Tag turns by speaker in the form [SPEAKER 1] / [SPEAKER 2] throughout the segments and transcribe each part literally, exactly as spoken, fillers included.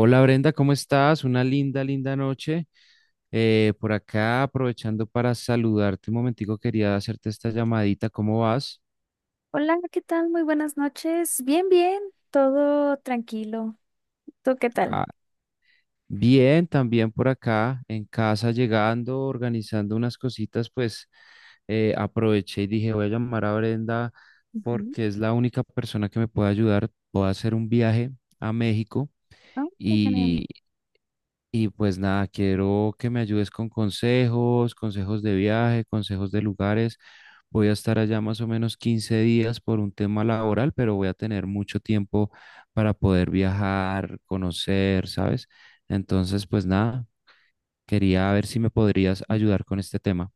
[SPEAKER 1] Hola Brenda, ¿cómo estás? Una linda, linda noche. Eh, por acá, aprovechando para saludarte un momentico, quería hacerte esta llamadita. ¿Cómo vas?
[SPEAKER 2] Hola, ¿qué tal? Muy buenas noches. Bien, bien, todo tranquilo. ¿Tú qué tal?
[SPEAKER 1] Ah, bien, también por acá, en casa, llegando, organizando unas cositas, pues eh, aproveché y dije, voy a llamar a Brenda
[SPEAKER 2] Ujú.
[SPEAKER 1] porque es la única persona que me puede ayudar. Puedo hacer un viaje a México.
[SPEAKER 2] Ah, qué genial.
[SPEAKER 1] Y pues nada, quiero que me ayudes con consejos, consejos de viaje, consejos de lugares. Voy a estar allá más o menos quince días por un tema laboral, pero voy a tener mucho tiempo para poder viajar, conocer, ¿sabes? Entonces, pues nada, quería ver si me podrías ayudar con este tema.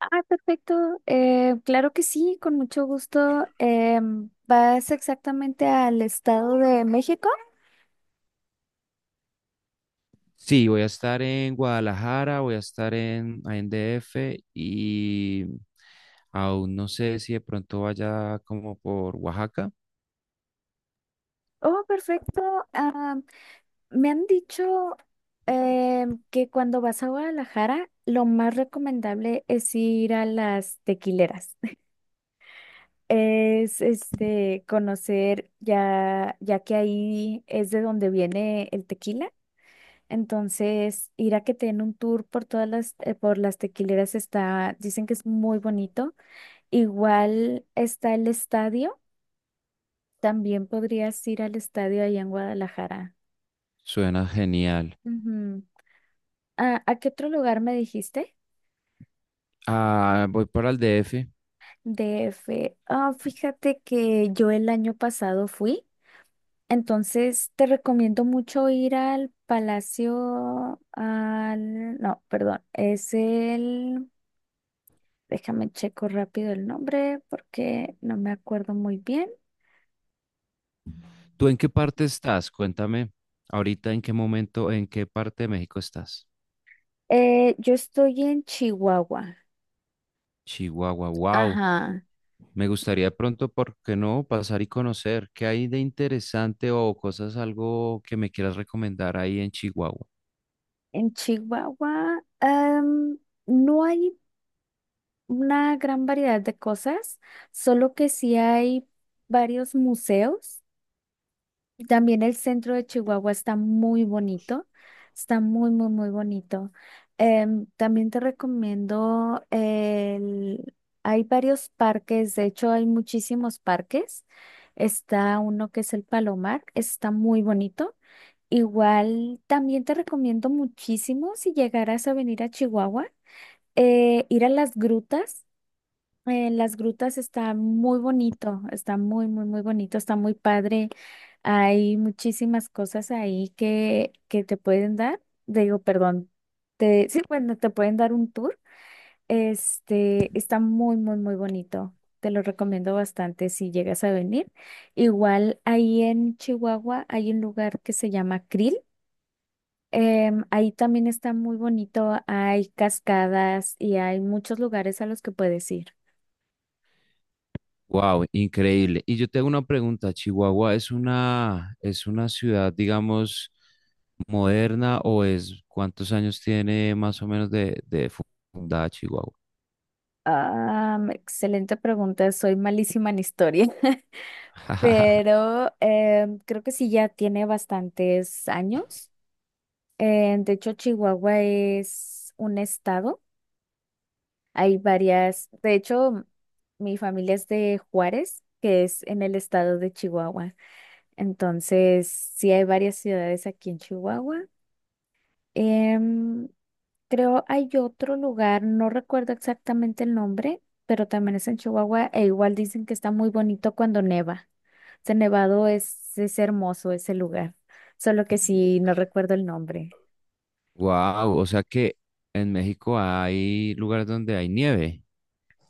[SPEAKER 2] Ah, perfecto. Eh, claro que sí, con mucho gusto. Em, ¿vas exactamente al Estado de México?
[SPEAKER 1] Sí, voy a estar en Guadalajara, voy a estar en, ahí en D F, y aún no sé si de pronto vaya como por Oaxaca.
[SPEAKER 2] Oh, perfecto. Ah, me han dicho em, que cuando vas a Guadalajara, lo más recomendable es ir a las tequileras. es este conocer ya, ya que ahí es de donde viene el tequila. Entonces, ir a que te den un tour por todas las, eh, por las tequileras está, dicen que es muy bonito. Igual está el estadio. También podrías ir al estadio allá en Guadalajara.
[SPEAKER 1] Suena genial.
[SPEAKER 2] Ujú. Ah, ¿a qué otro lugar me dijiste?
[SPEAKER 1] Ah, voy para el D F.
[SPEAKER 2] D F. Ah, fíjate que yo el año pasado fui. Entonces, te recomiendo mucho ir al Palacio, al, no, perdón, es el, déjame checo rápido el nombre porque no me acuerdo muy bien.
[SPEAKER 1] ¿Tú en qué parte estás? Cuéntame ahorita en qué momento, en qué parte de México estás.
[SPEAKER 2] Eh, yo estoy en Chihuahua,
[SPEAKER 1] Chihuahua, wow.
[SPEAKER 2] ajá,
[SPEAKER 1] Me gustaría de pronto, ¿por qué no? Pasar y conocer qué hay de interesante o cosas, algo que me quieras recomendar ahí en Chihuahua.
[SPEAKER 2] en Chihuahua, em, no hay una gran variedad de cosas, solo que sí hay varios museos. También el centro de Chihuahua está muy bonito, está muy, muy, muy bonito. Em, también te recomiendo el... Hay varios parques, de hecho hay muchísimos parques. Está uno que es el Palomar, está muy bonito. Igual también te recomiendo muchísimo si llegaras a venir a Chihuahua, eh, ir a las grutas. Eh, las grutas está muy bonito, está muy, muy, muy bonito, está muy padre. Hay muchísimas cosas ahí que, que te pueden dar, digo, perdón, te, sí, bueno, te pueden dar un tour. Este, está muy, muy, muy bonito. Te lo recomiendo bastante si llegas a venir. Igual ahí en Chihuahua hay un lugar que se llama Krill. Em, ahí también está muy bonito, hay cascadas y hay muchos lugares a los que puedes ir.
[SPEAKER 1] Wow, increíble. Y yo tengo una pregunta, ¿Chihuahua es una, es una ciudad, digamos, moderna o es cuántos años tiene más o menos de, de fu- fundada Chihuahua?
[SPEAKER 2] Ah, mm, excelente pregunta. Soy malísima en historia, pero em, creo que sí ya tiene bastantes años. Eh, de hecho, Chihuahua es un estado. Hay varias. De hecho, mi familia es de Juárez, que es en el estado de Chihuahua. Entonces, sí hay varias ciudades aquí en Chihuahua. Em, Creo hay otro lugar, no recuerdo exactamente el nombre, pero también es en Chihuahua e igual dicen que está muy bonito cuando neva. Ese nevado es, es hermoso ese lugar, solo que sí, no recuerdo el nombre.
[SPEAKER 1] Wow, o sea que en México hay lugares donde hay nieve.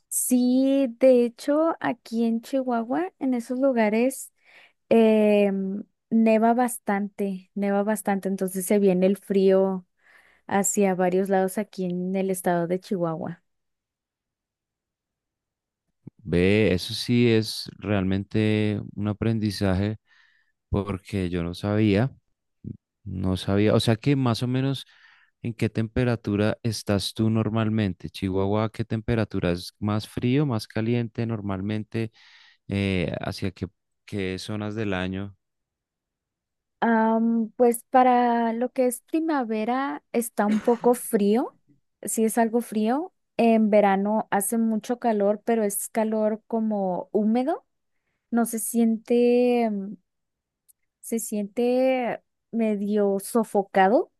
[SPEAKER 2] Sí, de hecho, aquí en Chihuahua, en esos lugares, em, neva bastante, neva bastante, entonces se viene el frío hacia varios lados aquí en el estado de Chihuahua.
[SPEAKER 1] Ve, eso sí es realmente un aprendizaje porque yo no sabía. No sabía, o sea que más o menos en qué temperatura estás tú normalmente, Chihuahua, ¿qué temperatura es más frío, más caliente normalmente? Eh, ¿hacia qué, qué zonas del año?
[SPEAKER 2] Am, pues para lo que es primavera está un poco frío, sí es algo frío. En verano hace mucho calor, pero es calor como húmedo. No se siente, mm, se siente medio sofocado.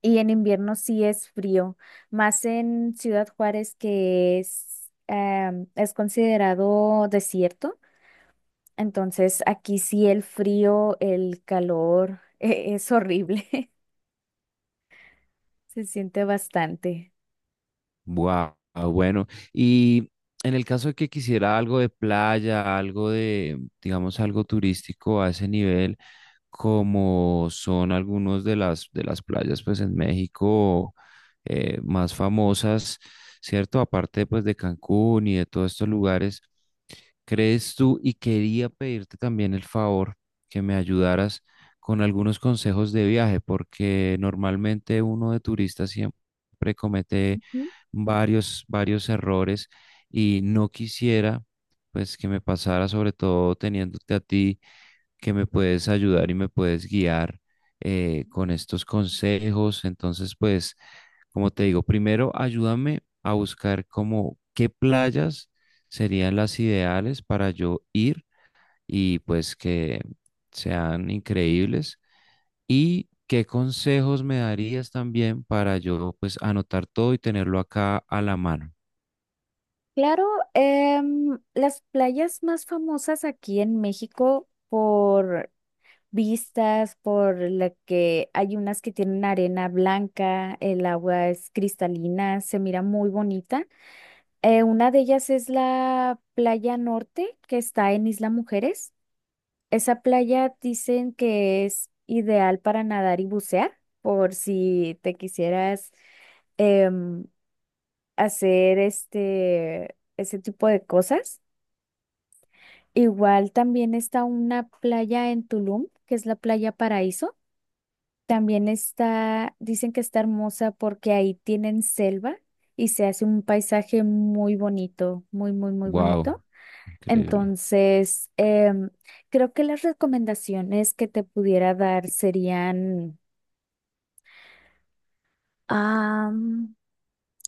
[SPEAKER 2] Y en invierno sí es frío, más en Ciudad Juárez que es, em, es considerado desierto. Entonces aquí sí el frío, el calor, es horrible. Se siente bastante.
[SPEAKER 1] Wow, bueno. Y en el caso de que quisiera algo de playa, algo de, digamos, algo turístico a ese nivel, como son algunos de las de las playas, pues en México eh, más famosas, ¿cierto? Aparte, pues de Cancún y de todos estos lugares. ¿Crees tú? Y quería pedirte también el favor que me ayudaras con algunos consejos de viaje, porque normalmente uno de turista siempre comete
[SPEAKER 2] Ujú.
[SPEAKER 1] varios, varios errores y no quisiera pues que me pasara, sobre todo teniéndote a ti que me puedes ayudar y me puedes guiar eh, con estos consejos. Entonces, pues, como te digo, primero ayúdame a buscar como qué playas serían las ideales para yo ir y pues que sean increíbles. Y qué consejos me darías también para yo pues anotar todo y tenerlo acá a la mano.
[SPEAKER 2] Claro, em, las playas más famosas aquí en México por vistas, por la que hay unas que tienen arena blanca, el agua es cristalina, se mira muy bonita. Eh, una de ellas es la playa norte que está en Isla Mujeres. Esa playa dicen que es ideal para nadar y bucear, por si te quisieras em, hacer este, ese tipo de cosas. Igual también está una playa en Tulum, que es la playa Paraíso. También está, dicen que está hermosa porque ahí tienen selva y se hace un paisaje muy bonito, muy, muy, muy
[SPEAKER 1] Wow,
[SPEAKER 2] bonito.
[SPEAKER 1] increíble.
[SPEAKER 2] Entonces, em, creo que las recomendaciones que te pudiera dar serían,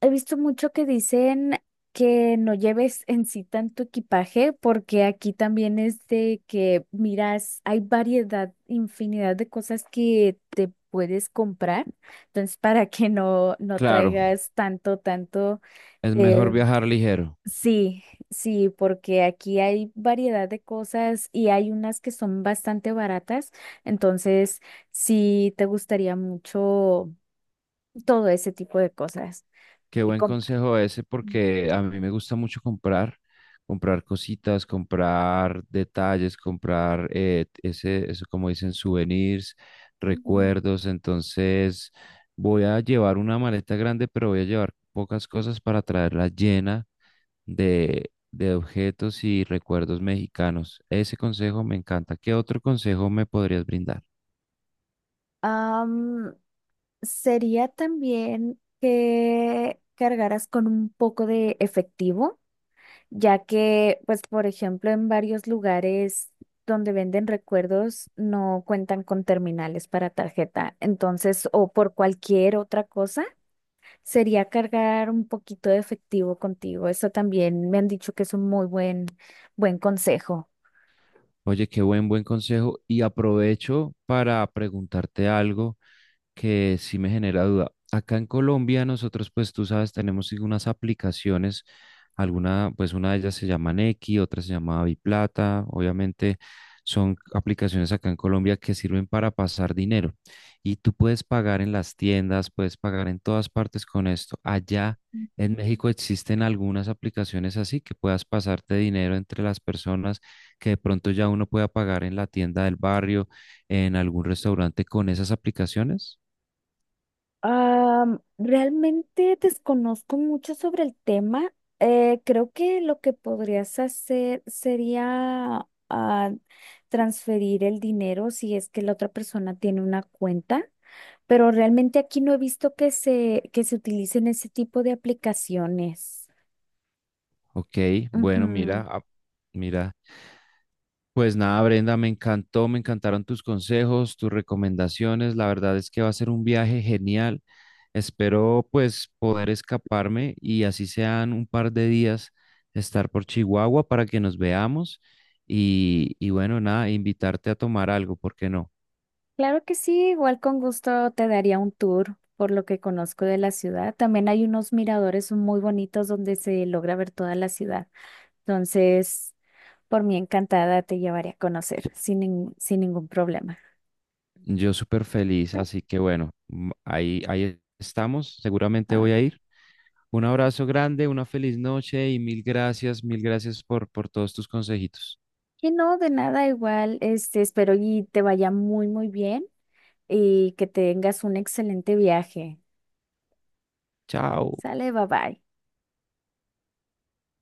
[SPEAKER 2] he visto mucho que dicen que no lleves en sí tanto equipaje, porque aquí también es de que miras, hay variedad, infinidad de cosas que te puedes comprar. Entonces, para que no, no
[SPEAKER 1] Claro,
[SPEAKER 2] traigas tanto, tanto,
[SPEAKER 1] es mejor
[SPEAKER 2] eh,
[SPEAKER 1] viajar ligero.
[SPEAKER 2] sí, sí, porque aquí hay variedad de cosas y hay unas que son bastante baratas. Entonces, sí te gustaría mucho todo ese tipo de cosas.
[SPEAKER 1] Qué
[SPEAKER 2] Eh,
[SPEAKER 1] buen
[SPEAKER 2] comprar.
[SPEAKER 1] consejo ese porque a mí me gusta mucho comprar, comprar cositas, comprar detalles, comprar eh, ese, eso como dicen, souvenirs, recuerdos. Entonces voy a llevar una maleta grande, pero voy a llevar pocas cosas para traerla llena de, de objetos y recuerdos mexicanos. Ese consejo me encanta. ¿Qué otro consejo me podrías brindar?
[SPEAKER 2] Am, Sería también que cargaras con un poco de efectivo, ya que, pues, por ejemplo, en varios lugares donde venden recuerdos no cuentan con terminales para tarjeta. Entonces, o por cualquier otra cosa, sería cargar un poquito de efectivo contigo. Eso también me han dicho que es un muy buen, buen consejo.
[SPEAKER 1] Oye, qué buen, buen consejo. Y aprovecho para preguntarte algo que sí me genera duda. Acá en Colombia nosotros, pues tú sabes, tenemos sí unas aplicaciones, alguna, pues una de ellas se llama Nequi, otra se llama Biplata, obviamente son aplicaciones acá en Colombia que sirven para pasar dinero y tú puedes pagar en las tiendas, puedes pagar en todas partes con esto. Allá en México existen algunas aplicaciones así que puedas pasarte dinero entre las personas que de pronto ya uno pueda pagar en la tienda del barrio, en algún restaurante con esas aplicaciones.
[SPEAKER 2] Am, realmente desconozco mucho sobre el tema. Eh, creo que lo que podrías hacer sería ah, transferir el dinero si es que la otra persona tiene una cuenta, pero realmente aquí no he visto que se, que se utilicen ese tipo de aplicaciones.
[SPEAKER 1] Ok, bueno,
[SPEAKER 2] Ujú.
[SPEAKER 1] mira, ah, mira. Pues nada, Brenda, me encantó, me encantaron tus consejos, tus recomendaciones. La verdad es que va a ser un viaje genial. Espero pues poder escaparme y así sean un par de días estar por Chihuahua para que nos veamos y, y bueno, nada, invitarte a tomar algo, ¿por qué no?
[SPEAKER 2] Claro que sí, igual con gusto te daría un tour por lo que conozco de la ciudad. También hay unos miradores muy bonitos donde se logra ver toda la ciudad. Entonces, por mí encantada te llevaré a conocer sin, nin- sin ningún problema.
[SPEAKER 1] Yo súper feliz,
[SPEAKER 2] ¿No?
[SPEAKER 1] así que bueno, mm, ahí, ahí estamos, seguramente
[SPEAKER 2] Ah,
[SPEAKER 1] voy a
[SPEAKER 2] ok.
[SPEAKER 1] ir. Un abrazo grande, una feliz noche y mil gracias, mil gracias por, por todos tus consejitos.
[SPEAKER 2] Y no, de nada, igual, este, espero y te vaya muy, muy bien y que tengas un excelente viaje.
[SPEAKER 1] Chao.
[SPEAKER 2] Sale, bye bye.